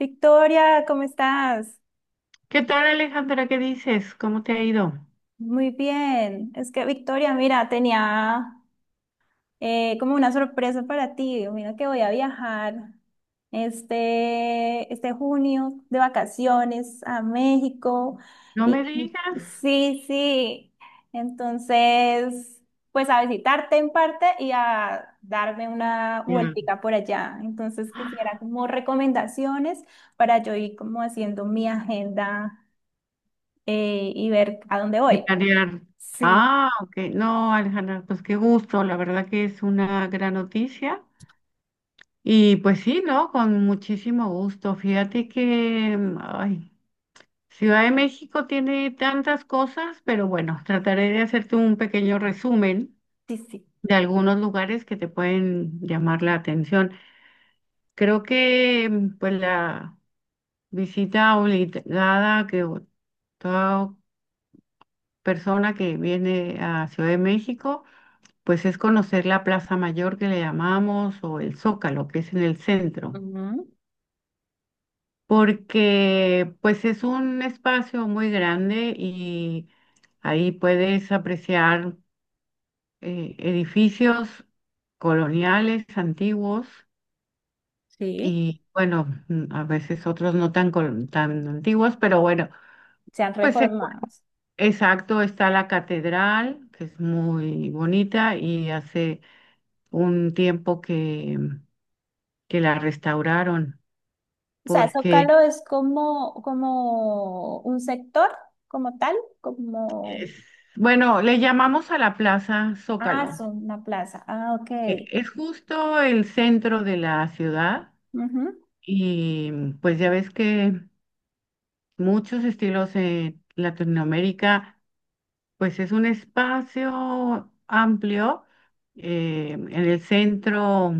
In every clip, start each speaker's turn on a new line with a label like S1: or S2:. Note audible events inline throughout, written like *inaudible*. S1: Victoria, ¿cómo estás?
S2: ¿Qué tal, Alejandra? ¿Qué dices? ¿Cómo te ha ido?
S1: Muy bien. Es que Victoria, mira, tenía como una sorpresa para ti. Mira que voy a viajar este junio de vacaciones a México.
S2: No
S1: Y
S2: me digas.
S1: sí, sí. Entonces, pues a visitarte en parte y a darme una
S2: Ya.
S1: vueltica por allá. Entonces quisiera
S2: *gasps*
S1: como recomendaciones para yo ir como haciendo mi agenda, y ver a dónde
S2: Y
S1: voy.
S2: planear.
S1: Sí.
S2: Ah, ok. No, Alejandra, pues qué gusto. La verdad que es una gran noticia. Y pues sí, ¿no? Con muchísimo gusto. Fíjate que, ay, Ciudad de México tiene tantas cosas, pero bueno, trataré de hacerte un pequeño resumen
S1: Sí, sí.
S2: de algunos lugares que te pueden llamar la atención. Creo que, pues, la visita obligada. Toda persona que viene a Ciudad de México, pues es conocer la Plaza Mayor que le llamamos o el Zócalo, que es en el centro,
S1: Ujú.
S2: porque pues es un espacio muy grande y ahí puedes apreciar edificios coloniales antiguos
S1: Sí.
S2: y bueno, a veces otros no tan, tan antiguos, pero bueno,
S1: Se han
S2: pues
S1: reformado.
S2: exacto, está la catedral, que es muy bonita y hace un tiempo que la restauraron,
S1: O sea,
S2: porque,
S1: Zócalo es como, como un sector, como tal, como...
S2: es- bueno, le llamamos a la Plaza
S1: Ah,
S2: Zócalo.
S1: son una plaza. Ah, ok.
S2: Es justo el centro de la ciudad
S1: Ujú.
S2: y pues ya ves que muchos estilos en Latinoamérica, pues es un espacio amplio. En el centro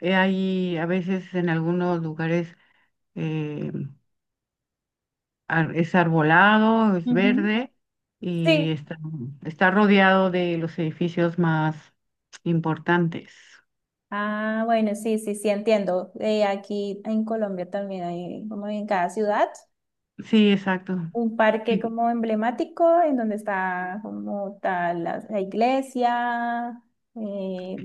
S2: hay a veces en algunos lugares eh, es arbolado, es
S1: Ujú.
S2: verde y
S1: Sí.
S2: está rodeado de los edificios más importantes.
S1: Ah, bueno, sí, sí, sí, entiendo. Aquí en Colombia también hay, como en cada ciudad,
S2: Sí, exacto.
S1: un parque
S2: Y
S1: como emblemático en donde está como tal la, la iglesia, eh.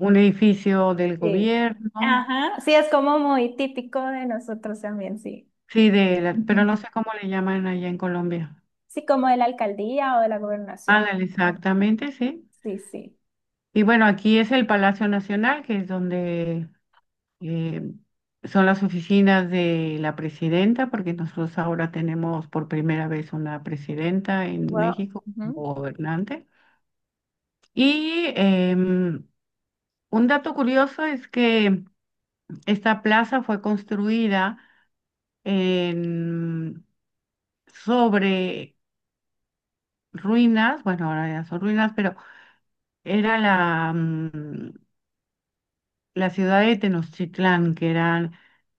S2: un edificio del
S1: Sí.
S2: gobierno,
S1: Ajá, sí, es como muy típico de nosotros también, sí.
S2: sí, pero no
S1: *laughs*
S2: sé cómo le llaman allá en Colombia.
S1: Sí, como de la alcaldía o de la gobernación.
S2: Ándale, exactamente, sí.
S1: Sí, sí.
S2: Y bueno, aquí es el Palacio Nacional, que es donde eh, son las oficinas de la presidenta, porque nosotros ahora tenemos por primera vez una presidenta en
S1: Wow.
S2: México
S1: Ujú.
S2: como gobernante. Y un dato curioso es que esta plaza fue construida en- sobre ruinas, bueno, ahora ya son ruinas, pero era la ciudad de Tenochtitlán, que era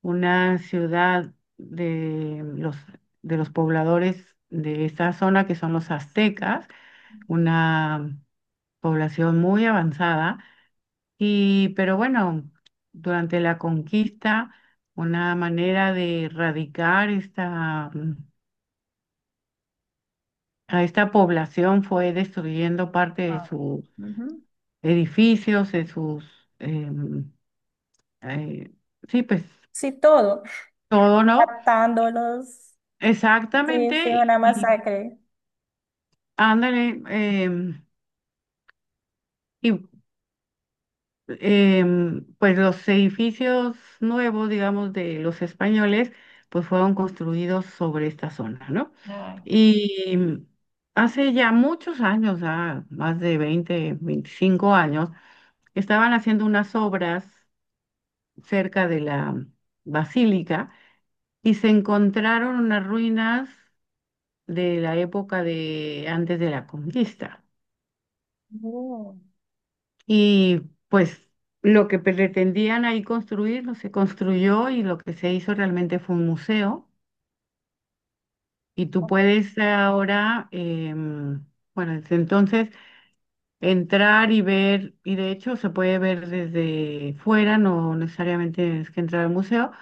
S2: una ciudad de los pobladores de esa zona, que son los aztecas, una población muy avanzada. Y, pero bueno, durante la conquista, una manera de erradicar a esta población fue destruyendo parte de
S1: Wow.
S2: sus
S1: Ujú.
S2: edificios, de sus... em, eh, sí, pues
S1: Sí, todo.
S2: todo, ¿no?
S1: Matándolos. Sí, sí,
S2: Exactamente, y,
S1: una
S2: y
S1: masacre.
S2: ándale, y pues los edificios nuevos, digamos, de los españoles, pues fueron construidos sobre esta zona, ¿no?
S1: Ay.
S2: Y hace ya muchos años, ah, más de 20 25 años, estaban haciendo unas obras cerca de la basílica y se encontraron unas ruinas de la época de antes de la conquista.
S1: Oh.
S2: Y pues lo que pretendían ahí construir no se construyó y lo que se hizo realmente fue un museo. Y tú puedes ahora, bueno, desde entonces entrar y ver, y de hecho se puede ver desde fuera, no necesariamente tienes que entrar al museo,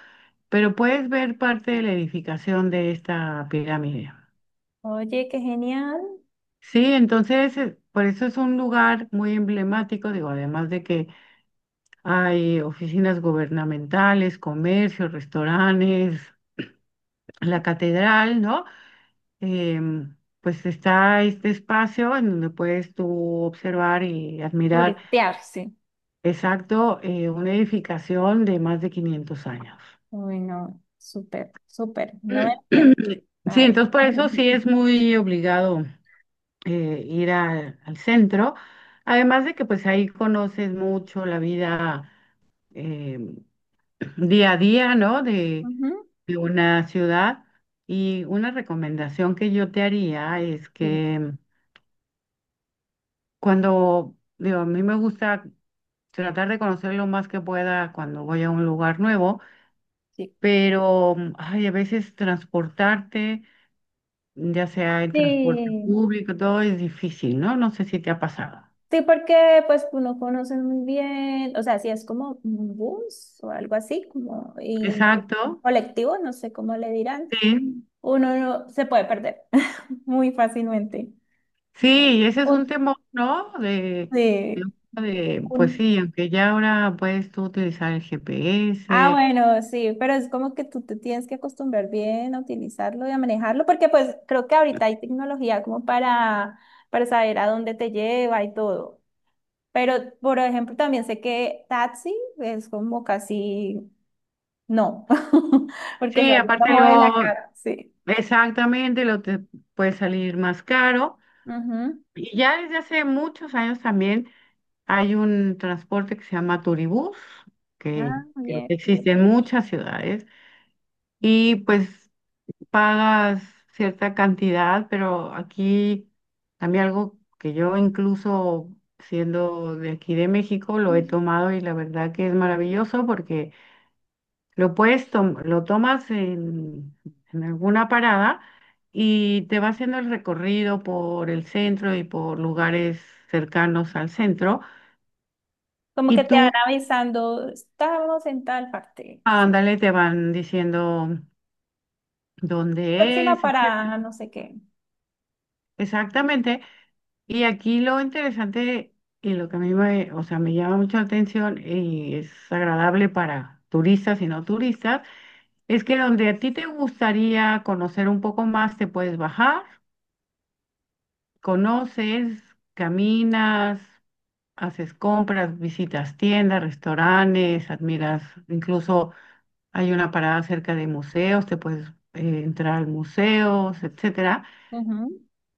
S2: pero puedes ver parte de la edificación de esta pirámide.
S1: Oye, qué genial.
S2: Sí, entonces, por eso es un lugar muy emblemático, digo, además de que hay oficinas gubernamentales, comercios, restaurantes, la catedral, ¿no? Em, pues está este espacio en donde puedes tú observar y admirar.
S1: Turetearse.
S2: Exacto, una edificación de más de 500 años.
S1: Uy, no, súper, súper. No me pierdo.
S2: *clears throat* Sí,
S1: Ay.
S2: entonces por eso sí
S1: *laughs*
S2: es muy obligado ir al centro, además de que pues ahí conoces mucho la vida. em, día a día, ¿no? De,
S1: Ujú.
S2: de una ciudad. Y una recomendación que yo te haría es
S1: Sí,
S2: que cuando, digo, a mí me gusta tratar de conocer lo más que pueda cuando voy a un lugar nuevo,
S1: sí.
S2: pero ay, a veces transportarte, ya sea en transporte
S1: Sí.
S2: público, todo es difícil, ¿no? No sé si te ha pasado.
S1: Sí, porque pues uno conoce muy bien, o sea, si es como un bus o algo así, como y
S2: Exacto,
S1: colectivo, no sé cómo le dirán,
S2: sí.
S1: uno no- se puede perder *laughs* muy fácilmente.
S2: Sí, ese es un
S1: Un-
S2: temor, ¿no? De-
S1: sí.
S2: pues
S1: un-
S2: sí, aunque ya ahora puedes tú utilizar el
S1: ah,
S2: GPS.
S1: bueno, sí, pero es como que tú te tienes que acostumbrar bien a utilizarlo y a manejarlo, porque pues creo que ahorita hay tecnología como para saber a dónde te lleva y todo. Pero, por ejemplo, también sé que taxi es como casi... No, *laughs* porque
S2: Sí,
S1: salió un
S2: aparte
S1: ojo de
S2: lo,
S1: la cara, sí.
S2: exactamente, lo te puede salir más caro.
S1: Ujú.
S2: Y ya desde hace muchos años también hay un transporte que se llama Turibús, que
S1: Ah,
S2: creo
S1: bien.
S2: que existe en muchas ciudades. Y pues pagas cierta cantidad, pero aquí a mí algo que yo incluso siendo de aquí de México lo he tomado y la verdad que es maravilloso porque lo tomas en alguna parada y te va haciendo el recorrido por el centro y por lugares cercanos al centro
S1: Como que
S2: y
S1: te van
S2: tú,
S1: avisando, estamos en tal parte.
S2: ándale, te van diciendo dónde
S1: Próxima
S2: es, etcétera.
S1: parada, no sé qué.
S2: Exactamente. Y aquí lo interesante y lo que a mí me, o sea, me llama mucho la atención y es agradable para turistas y no turistas, es que donde a ti te gustaría conocer un poco más, te puedes bajar, conoces, caminas, haces compras, visitas tiendas, restaurantes, admiras, incluso hay una parada cerca de museos, te puedes entrar a museos, etcétera.
S1: Ujú.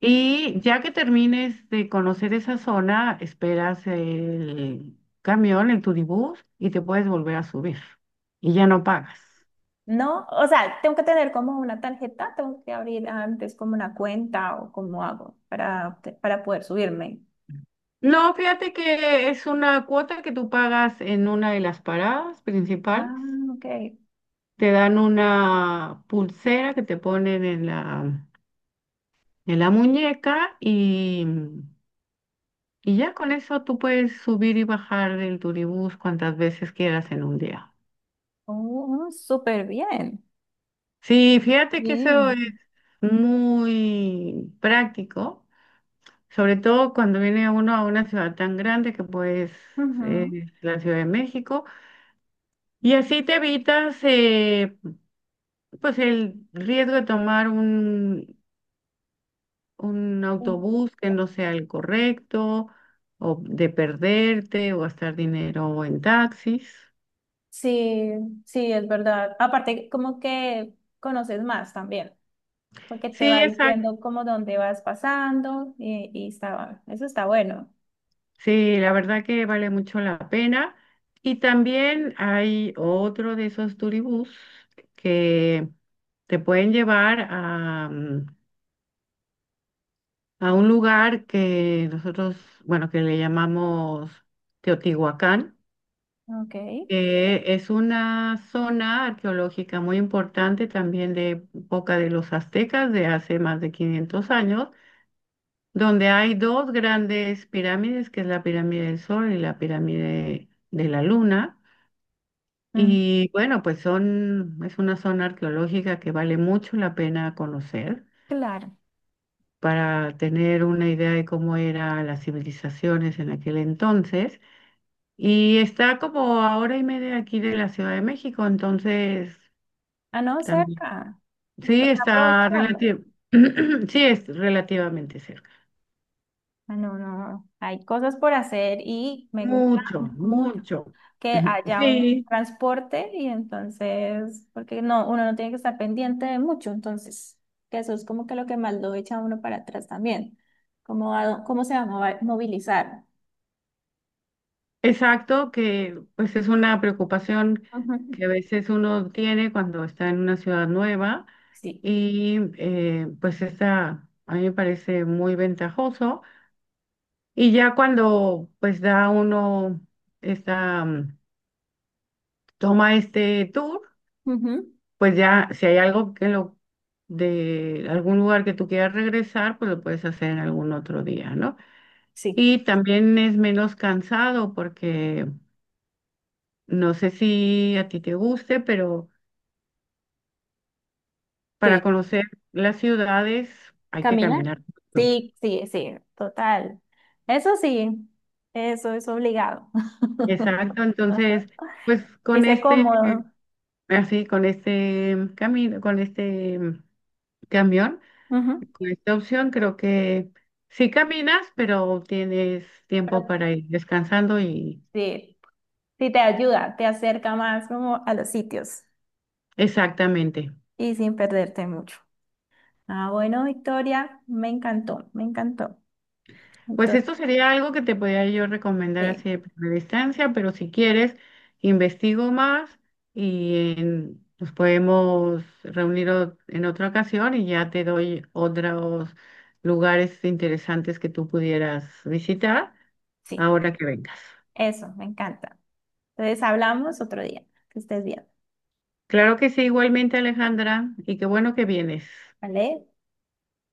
S2: Y ya que termines de conocer esa zona, esperas el camión, el turibús, y te puedes volver a subir. Y ya no pagas.
S1: No, o sea, tengo que tener como una tarjeta, tengo que abrir antes como una cuenta o cómo hago para, para poder subirme.
S2: No, fíjate que es una cuota que tú pagas en una de las paradas principales.
S1: Ah, ok.
S2: Te dan una pulsera que te ponen en la muñeca y ya con eso tú puedes subir y bajar del turibús cuantas veces quieras en un día.
S1: Oh, súper bien.
S2: Sí, fíjate que eso es
S1: Bien.
S2: muy práctico, sobre todo cuando viene uno a una ciudad tan grande que pues es la Ciudad de México, y así te evitas pues el riesgo de tomar un
S1: Ujú.
S2: autobús que no sea el correcto, o de perderte, o gastar dinero en taxis.
S1: Sí, sí, es verdad. Aparte, como que conoces más también, porque te
S2: Sí,
S1: va
S2: exacto.
S1: diciendo como dónde vas pasando y está, eso está bueno.
S2: Sí, la verdad que vale mucho la pena. Y también hay otro de esos turibús que te pueden llevar a un lugar que nosotros, bueno, que le llamamos Teotihuacán,
S1: Ok.
S2: que es una zona arqueológica muy importante también de época de los aztecas de hace más de 500 años, donde hay dos grandes pirámides, que es la pirámide del Sol y la pirámide de la Luna.
S1: Mm,
S2: Y bueno, pues son, es una zona arqueológica que vale mucho la pena conocer
S1: claro.
S2: para tener una idea de cómo eran las civilizaciones en aquel entonces. Y está como a hora y media aquí de la Ciudad de México, entonces
S1: Ah, no,
S2: también.
S1: cerca.
S2: Sí,
S1: Toca
S2: está
S1: aprovecharlo.
S2: relativo. *clears throat* Sí, es relativamente cerca.
S1: Ah, no, no. Hay cosas por hacer y me gusta
S2: Mucho,
S1: mucho
S2: mucho.
S1: que haya un
S2: Sí,
S1: transporte y entonces, porque no, uno no tiene que estar pendiente de mucho, entonces, que eso es como que lo que más lo echa a uno para atrás también, cómo, cómo se va a movilizar.
S2: exacto, que pues es una preocupación
S1: Ujú.
S2: que a veces uno tiene cuando está en una ciudad nueva
S1: Sí.
S2: y pues esa a mí me parece muy ventajoso. Y ya cuando pues da uno esta, mm, toma este tour,
S1: Ujú.
S2: pues ya si hay algo que lo de algún lugar que tú quieras regresar, pues lo puedes hacer en algún otro día, ¿no?
S1: Sí.
S2: Y también es menos cansado porque no sé si a ti te guste, pero para
S1: ¿Qué?
S2: conocer las ciudades hay que
S1: ¿Caminar?
S2: caminar mucho.
S1: Sí, sí, sí, total. Eso sí, eso es obligado.
S2: Exacto, entonces
S1: *laughs*
S2: pues
S1: Y
S2: con
S1: sé
S2: este
S1: cómodo.
S2: Así, con este camino, con este camión,
S1: Ujú.
S2: con esta opción, creo que sí caminas, pero tienes tiempo
S1: Pero
S2: para ir descansando y
S1: sí, sí te ayuda, te acerca más como a los sitios
S2: exactamente.
S1: y sin perderte mucho. Ah, bueno, Victoria, me encantó, me encantó.
S2: Pues
S1: Entonces,
S2: esto sería algo que te podría yo recomendar
S1: sí,
S2: así de primera instancia, pero si quieres, investigo más y nos podemos reunir en otra ocasión y ya te doy otros lugares interesantes que tú pudieras visitar
S1: sí,
S2: ahora que vengas.
S1: eso, me encanta. Entonces, hablamos otro día. Que estés bien,
S2: Claro que sí, igualmente Alejandra, y qué bueno que vienes.
S1: ¿vale?